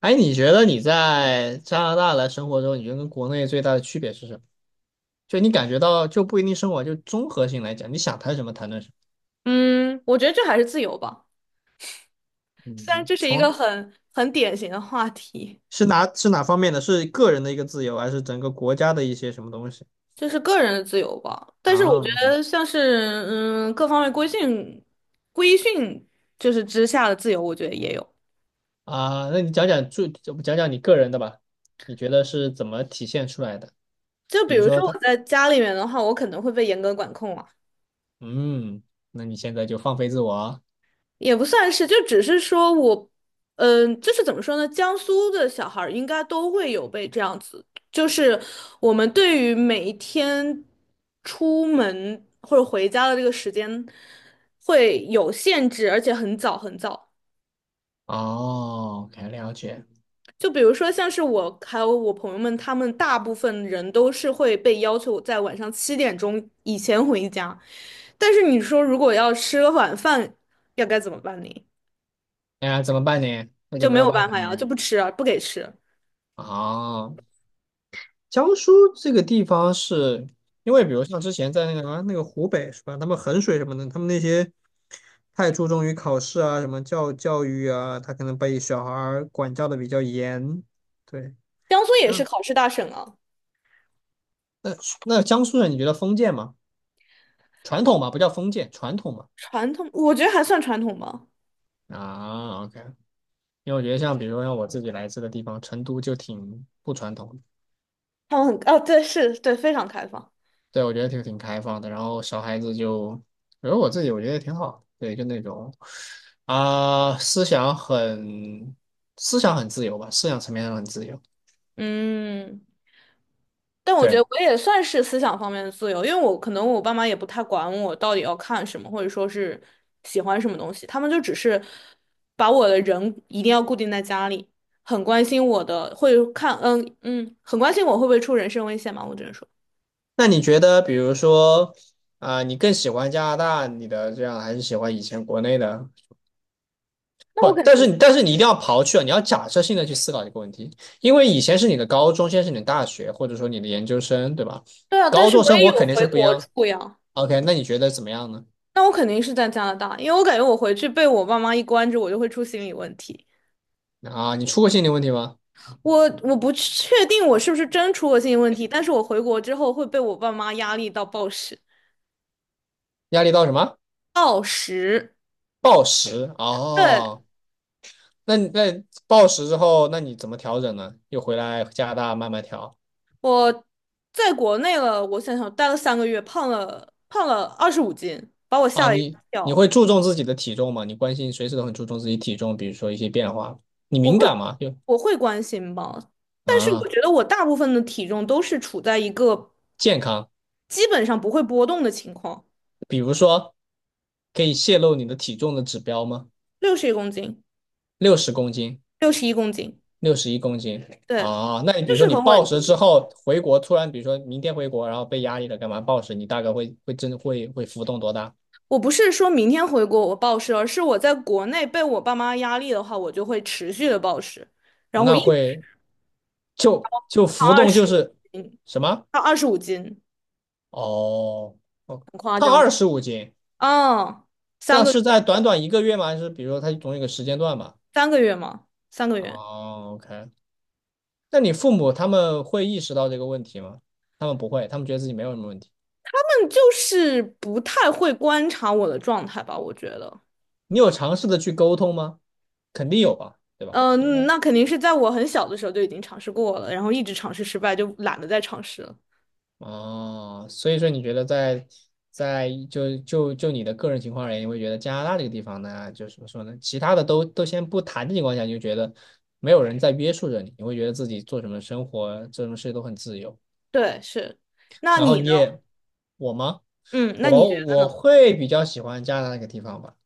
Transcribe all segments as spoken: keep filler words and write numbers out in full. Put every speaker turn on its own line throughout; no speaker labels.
哎，你觉得你在加拿大来生活中，你觉得跟国内最大的区别是什么？就你感觉到就不一定生活，就综合性来讲，你想谈什么谈论什
嗯，我觉得这还是自由吧。
么。
虽然
嗯，
这是一
从
个很很典型的话题，
是哪是哪方面的？是个人的一个自由，还是整个国家的一些什么东西
就是个人的自由吧，但是我
啊
觉
？OK。
得像是嗯各方面规训规训就是之下的自由，我觉得也有。
啊，那你讲讲最讲讲你个人的吧，你觉得是怎么体现出来的？
就比
比如
如说
说他，
我在家里面的话，我可能会被严格管控啊。
嗯，那你现在就放飞自我。
也不算是，就只是说我，嗯、就是怎么说呢？江苏的小孩儿应该都会有被这样子，就是我们对于每一天出门或者回家的这个时间会有限制，而且很早很早。
哦，OK，了解。
就比如说像是我还有我朋友们，他们大部分人都是会被要求在晚上七点钟以前回家，但是你说如果要吃个晚饭，要该怎么办呢？
哎呀，怎么办呢？那
就
就没
没
有
有
办
办
法
法呀，就
呢。
不吃啊，不给吃。
哦，江苏这个地方是因为，比如像之前在那个什么那个湖北是吧？他们衡水什么的，他们那些太注重于考试啊，什么教教育啊，他可能被小孩儿管教的比较严。对，
江苏也是
那
考试大省啊。
那那江苏人，你觉得封建吗？传统嘛，不叫封建，传统嘛。
传统，我觉得还算传统吧。
啊，OK，因为我觉得像比如说像我自己来自的地方，成都就挺不传统的。
他们很，哦，对，是，对，非常开放。
对，我觉得挺挺开放的。然后小孩子就，比如我自己，我觉得挺好的，对，就那种啊、思想很思想很自由吧，思想层面上很自由。
嗯，但我觉得
对，
我也算是思想方面的自由，因为我可能我爸妈也不太管我到底要看什么，或者说是喜欢什么东西，他们就只是把我的人一定要固定在家里，很关心我的，会看，嗯嗯，很关心我会不会出人身危险嘛，我只能说。
那你觉得，比如说啊、你更喜欢加拿大你的这样，还是喜欢以前国内的？
那
不，
我肯
但是
定。
你但是你一定要刨去啊，你要假设性的去思考一个问题，因为以前是你的高中，现在是你的大学，或者说你的研究生，对吧？
对啊，但
高
是
中
我
生
也
活
有
肯定是
回
不一
国
样。
住呀。
OK，那你觉得怎么样呢？
那我肯定是在加拿大，因为我感觉我回去被我爸妈一关着，我就会出心理问题。
啊，你出过心理问题吗？
我我不确定我是不是真出过心理问题，但是我回国之后会被我爸妈压力到暴食。
压力到什么？
暴食，
暴食
对，
哦，那你那暴食之后，那你怎么调整呢？又回来加拿大慢慢调。
我在国内了，我想想，待了三个月，胖了胖了二十五斤，把我吓
啊？
了一
你你
跳。
会注重自己的体重吗？你关心随时都很注重自己体重，比如说一些变化，你
我
敏
会
感吗？就
我会关心吧，但是我
啊，
觉得我大部分的体重都是处在一个
健康，
基本上不会波动的情况，
比如说可以泄露你的体重的指标吗？
六十一公斤，
六十公斤，
六十一公斤。
六十一公斤。
对，
啊？那你比
就
如说
是
你
很稳
暴食之
定。
后回国，突然比如说明天回国，然后被压力了，干嘛暴食？你大概会会真会会浮动多大？
我不是说明天回国我暴食，而是我在国内被我爸妈压力的话，我就会持续的暴食，然后我
那
一直
会就就
胖
浮
二
动
十
就
五
是
斤，
什么？
胖二十五斤，
哦，哦，
很夸
胖
张吗？
二十五斤，
嗯，三
那
个月，
是在短短一个月吗？还是比如说它总有一个时间段吧？
三个月吗？三个月。
哦，OK，那你父母他们会意识到这个问题吗？他们不会，他们觉得自己没有什么问题。
但就是不太会观察我的状态吧，我觉得。
你有尝试的去沟通吗？肯定有吧，对吧？应
嗯，
该。
那肯定是在我很小的时候就已经尝试过了，然后一直尝试失败，就懒得再尝试了。
哦，所以说你觉得在在就就就你的个人情况而言，你会觉得加拿大这个地方呢，就是怎么说呢？其他的都都先不谈的情况下，你就觉得没有人在约束着你，你会觉得自己做什么生活、做什么事都很自由。
对，是。那
然后
你
你
呢？
也，我吗？
嗯，那你觉
我
得
我
呢？
会比较喜欢加拿大那个地方吧。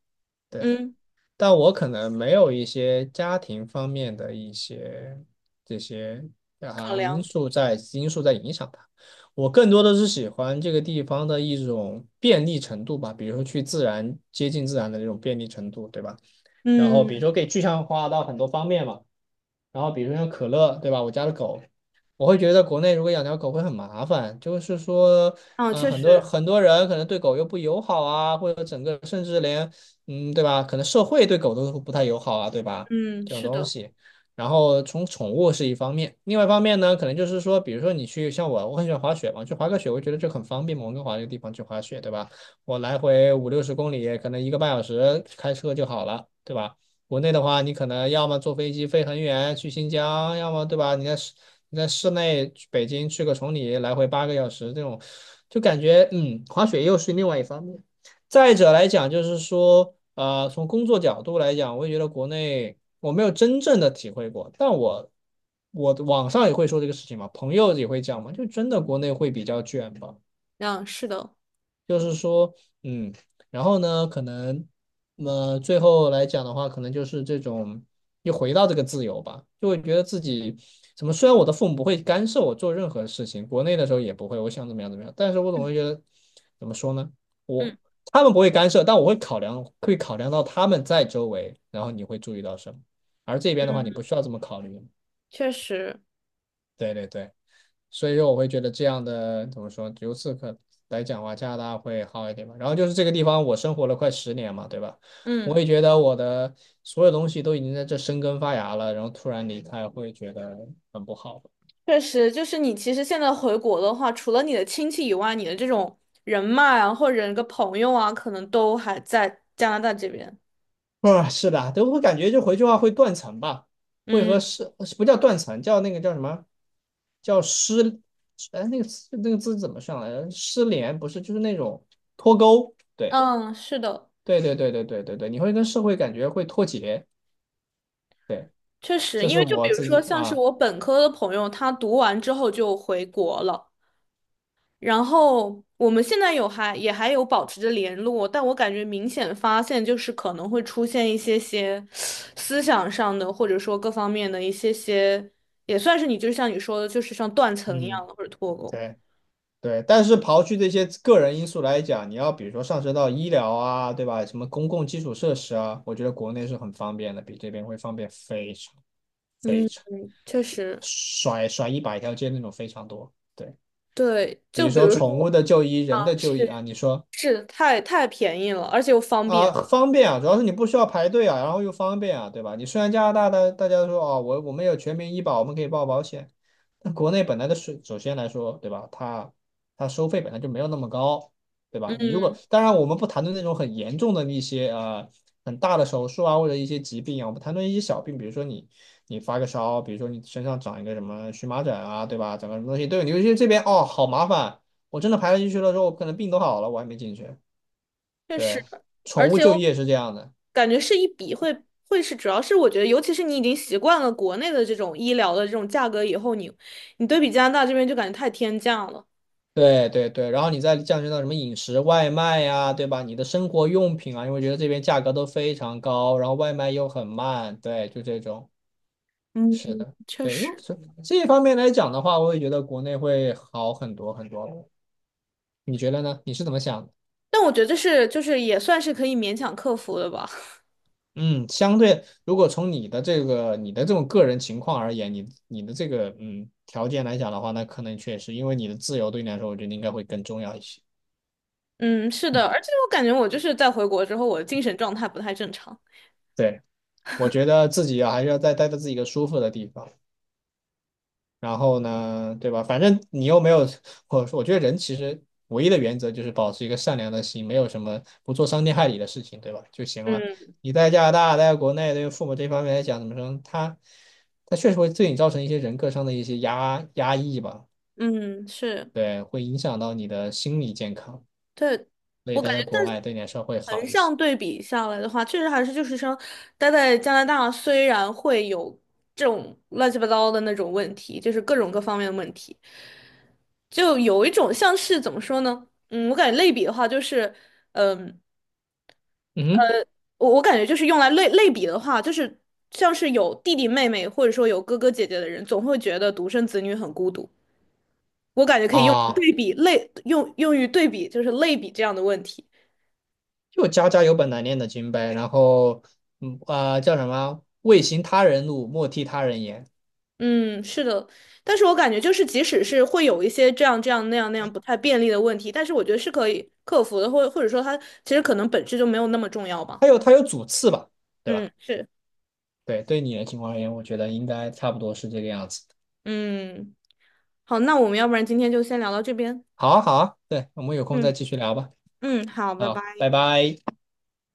对。
嗯，
但我可能没有一些家庭方面的一些这些
考
啊因
量。
素在因素在影响它。我更多的是喜欢这个地方的一种便利程度吧，比如说去自然接近自然的这种便利程度，对吧？然后比如
嗯。
说可以具象化到很多方面嘛，然后比如说像可乐，对吧？我家的狗，我会觉得国内如果养条狗会很麻烦，就是说，
啊，
嗯、
确
很多
实。
很多人可能对狗又不友好啊，或者整个甚至连，嗯，对吧？可能社会对狗都不太友好啊，对吧？
嗯，
这种
是
东
的。
西。然后从宠物是一方面，另外一方面呢，可能就是说，比如说你去像我，我很喜欢滑雪嘛，去滑个雪，我觉得就很方便嘛，我温哥华这个地方去滑雪，对吧？我来回五六十公里，可能一个半小时开车就好了，对吧？国内的话，你可能要么坐飞机飞很远去新疆，要么对吧？你在市你在市内去北京去个崇礼，来回八个小时，这种就感觉嗯，滑雪又是另外一方面。再者来讲，就是说，呃，从工作角度来讲，我也觉得国内我没有真正的体会过，但我我网上也会说这个事情嘛，朋友也会讲嘛，就真的国内会比较卷吧。
嗯，是的。
就是说，嗯，然后呢，可能，呃，最后来讲的话，可能就是这种又回到这个自由吧，就会觉得自己怎么，虽然我的父母不会干涉我做任何事情，国内的时候也不会，我想怎么样怎么样，但是我总会觉得，怎么说呢，我
嗯
他们不会干涉，但我会考量，会考量到他们在周围，然后你会注意到什么，而这边的话，你
嗯，
不需要这么考虑，
确实。
对对对。所以说我会觉得这样的怎么说，由此可来讲的话，加拿大会好一点吧。然后就是这个地方，我生活了快十年嘛，对吧？我
嗯，
也觉得我的所有东西都已经在这生根发芽了，然后突然离开，会觉得很不好。
确实，就是你其实现在回国的话，除了你的亲戚以外，你的这种人脉啊，或者一个朋友啊，可能都还在加拿大这边。
啊，是的，都会感觉就回去的话会断层吧，会
嗯
和失不叫断层，叫那个叫什么？叫失，哎，那个词那个字怎么上来着？失联不是，就是那种脱钩。对，
嗯，是的，
对，对，对，对，对，对，对，你会跟社会感觉会脱节。对。
确实，
这
因
是
为就
我
比如
自
说
己
像是
啊，
我本科的朋友，他读完之后就回国了。然后我们现在有还也还有保持着联络，但我感觉明显发现就是可能会出现一些些思想上的，或者说各方面的一些些，也算是你就像你说的，就是像断层一
嗯，
样的或者脱钩。
对对。但是刨去这些个人因素来讲，你要比如说上升到医疗啊，对吧？什么公共基础设施啊，我觉得国内是很方便的，比这边会方便非常非
嗯，
常，
确实。
甩甩一百条街那种非常多。对，
对，
比
就
如
比
说
如
宠物
说
的就医、人
啊，
的就医啊，
是
你说。
是太太便宜了，而且又方
啊，
便。
嗯方便啊，主要是你不需要排队啊，然后又方便啊，对吧？你虽然加拿大大大家都说哦，我我们有全民医保，我们可以报保险，但国内本来的税，首先来说，对吧？它它收费本来就没有那么高，对吧？你如果
嗯。
当然我们不谈论那种很严重的一些呃很大的手术啊或者一些疾病啊，我们谈论一些小病，比如说你你发个烧，比如说你身上长一个什么荨麻疹啊，对吧？长个什么东西，对，你就是这边哦，好麻烦，我真的排了进去了之后，我可能病都好了，我还没进去。
确
对，
实，而
宠物
且
就
我
业是这样的，
感觉是一笔会会是，主要是我觉得，尤其是你已经习惯了国内的这种医疗的这种价格以后，你你对比加拿大这边就感觉太天价了。
对对对。然后你再降低到什么饮食外卖呀，对吧？你的生活用品啊，因为觉得这边价格都非常高，然后外卖又很慢，对，就这种。
嗯，
是的，
确
对，又
实。
是这一方面来讲的话，我也觉得国内会好很多很多。你觉得呢？你是怎么想的。
但我觉得这是就是也算是可以勉强克服的吧。
嗯，相对如果从你的这个你的这种个人情况而言，你你的这个嗯条件来讲的话，那可能确实因为你的自由对你来说，我觉得应该会更重要一些。
嗯，是的，而且我感觉我就是在回国之后，我的精神状态不太正常。
对。我觉得自己啊还是要再待在自己一个舒服的地方。然后呢，对吧？反正你又没有，我我觉得人其实唯一的原则就是保持一个善良的心，没有什么不做伤天害理的事情，对吧？就行了。
嗯
你在加拿大，待在国内，对于父母这方面来讲，怎么说？他他确实会对你造成一些人格上的一些压压抑吧，
嗯，是，
对，会影响到你的心理健康。
对。
所以
我
待
感。
在国外对你来说会好
横
一些。
向对比下来的话，确实还是就是说，待在加拿大虽然会有这种乱七八糟的那种问题，就是各种各方面的问题，就有一种像是怎么说呢？嗯，我感觉类比的话，就是，嗯，
嗯哼。
我我感觉就是用来类类比的话，就是像是有弟弟妹妹或者说有哥哥姐姐的人，总会觉得独生子女很孤独。我感觉可以用来
啊，
对比类用用于对比，就是类比这样的问题。
就家家有本难念的经呗。然后，嗯啊、叫什么？未行他人路，莫替他人言。
嗯，是的，但是我感觉就是，即使是会有一些这样这样那样那样不太便利的问题，但是我觉得是可以克服的，或或者说它其实可能本质就没有那么重要
它
吧。
有它有主次吧，对吧？
嗯，是。
对，对你的情况而言，我觉得应该差不多是这个样子。
嗯，好，那我们要不然今天就先聊到这边。
好啊，好啊，对，我们有空
嗯
再继续聊吧。
嗯，好，拜
好，
拜。
拜拜。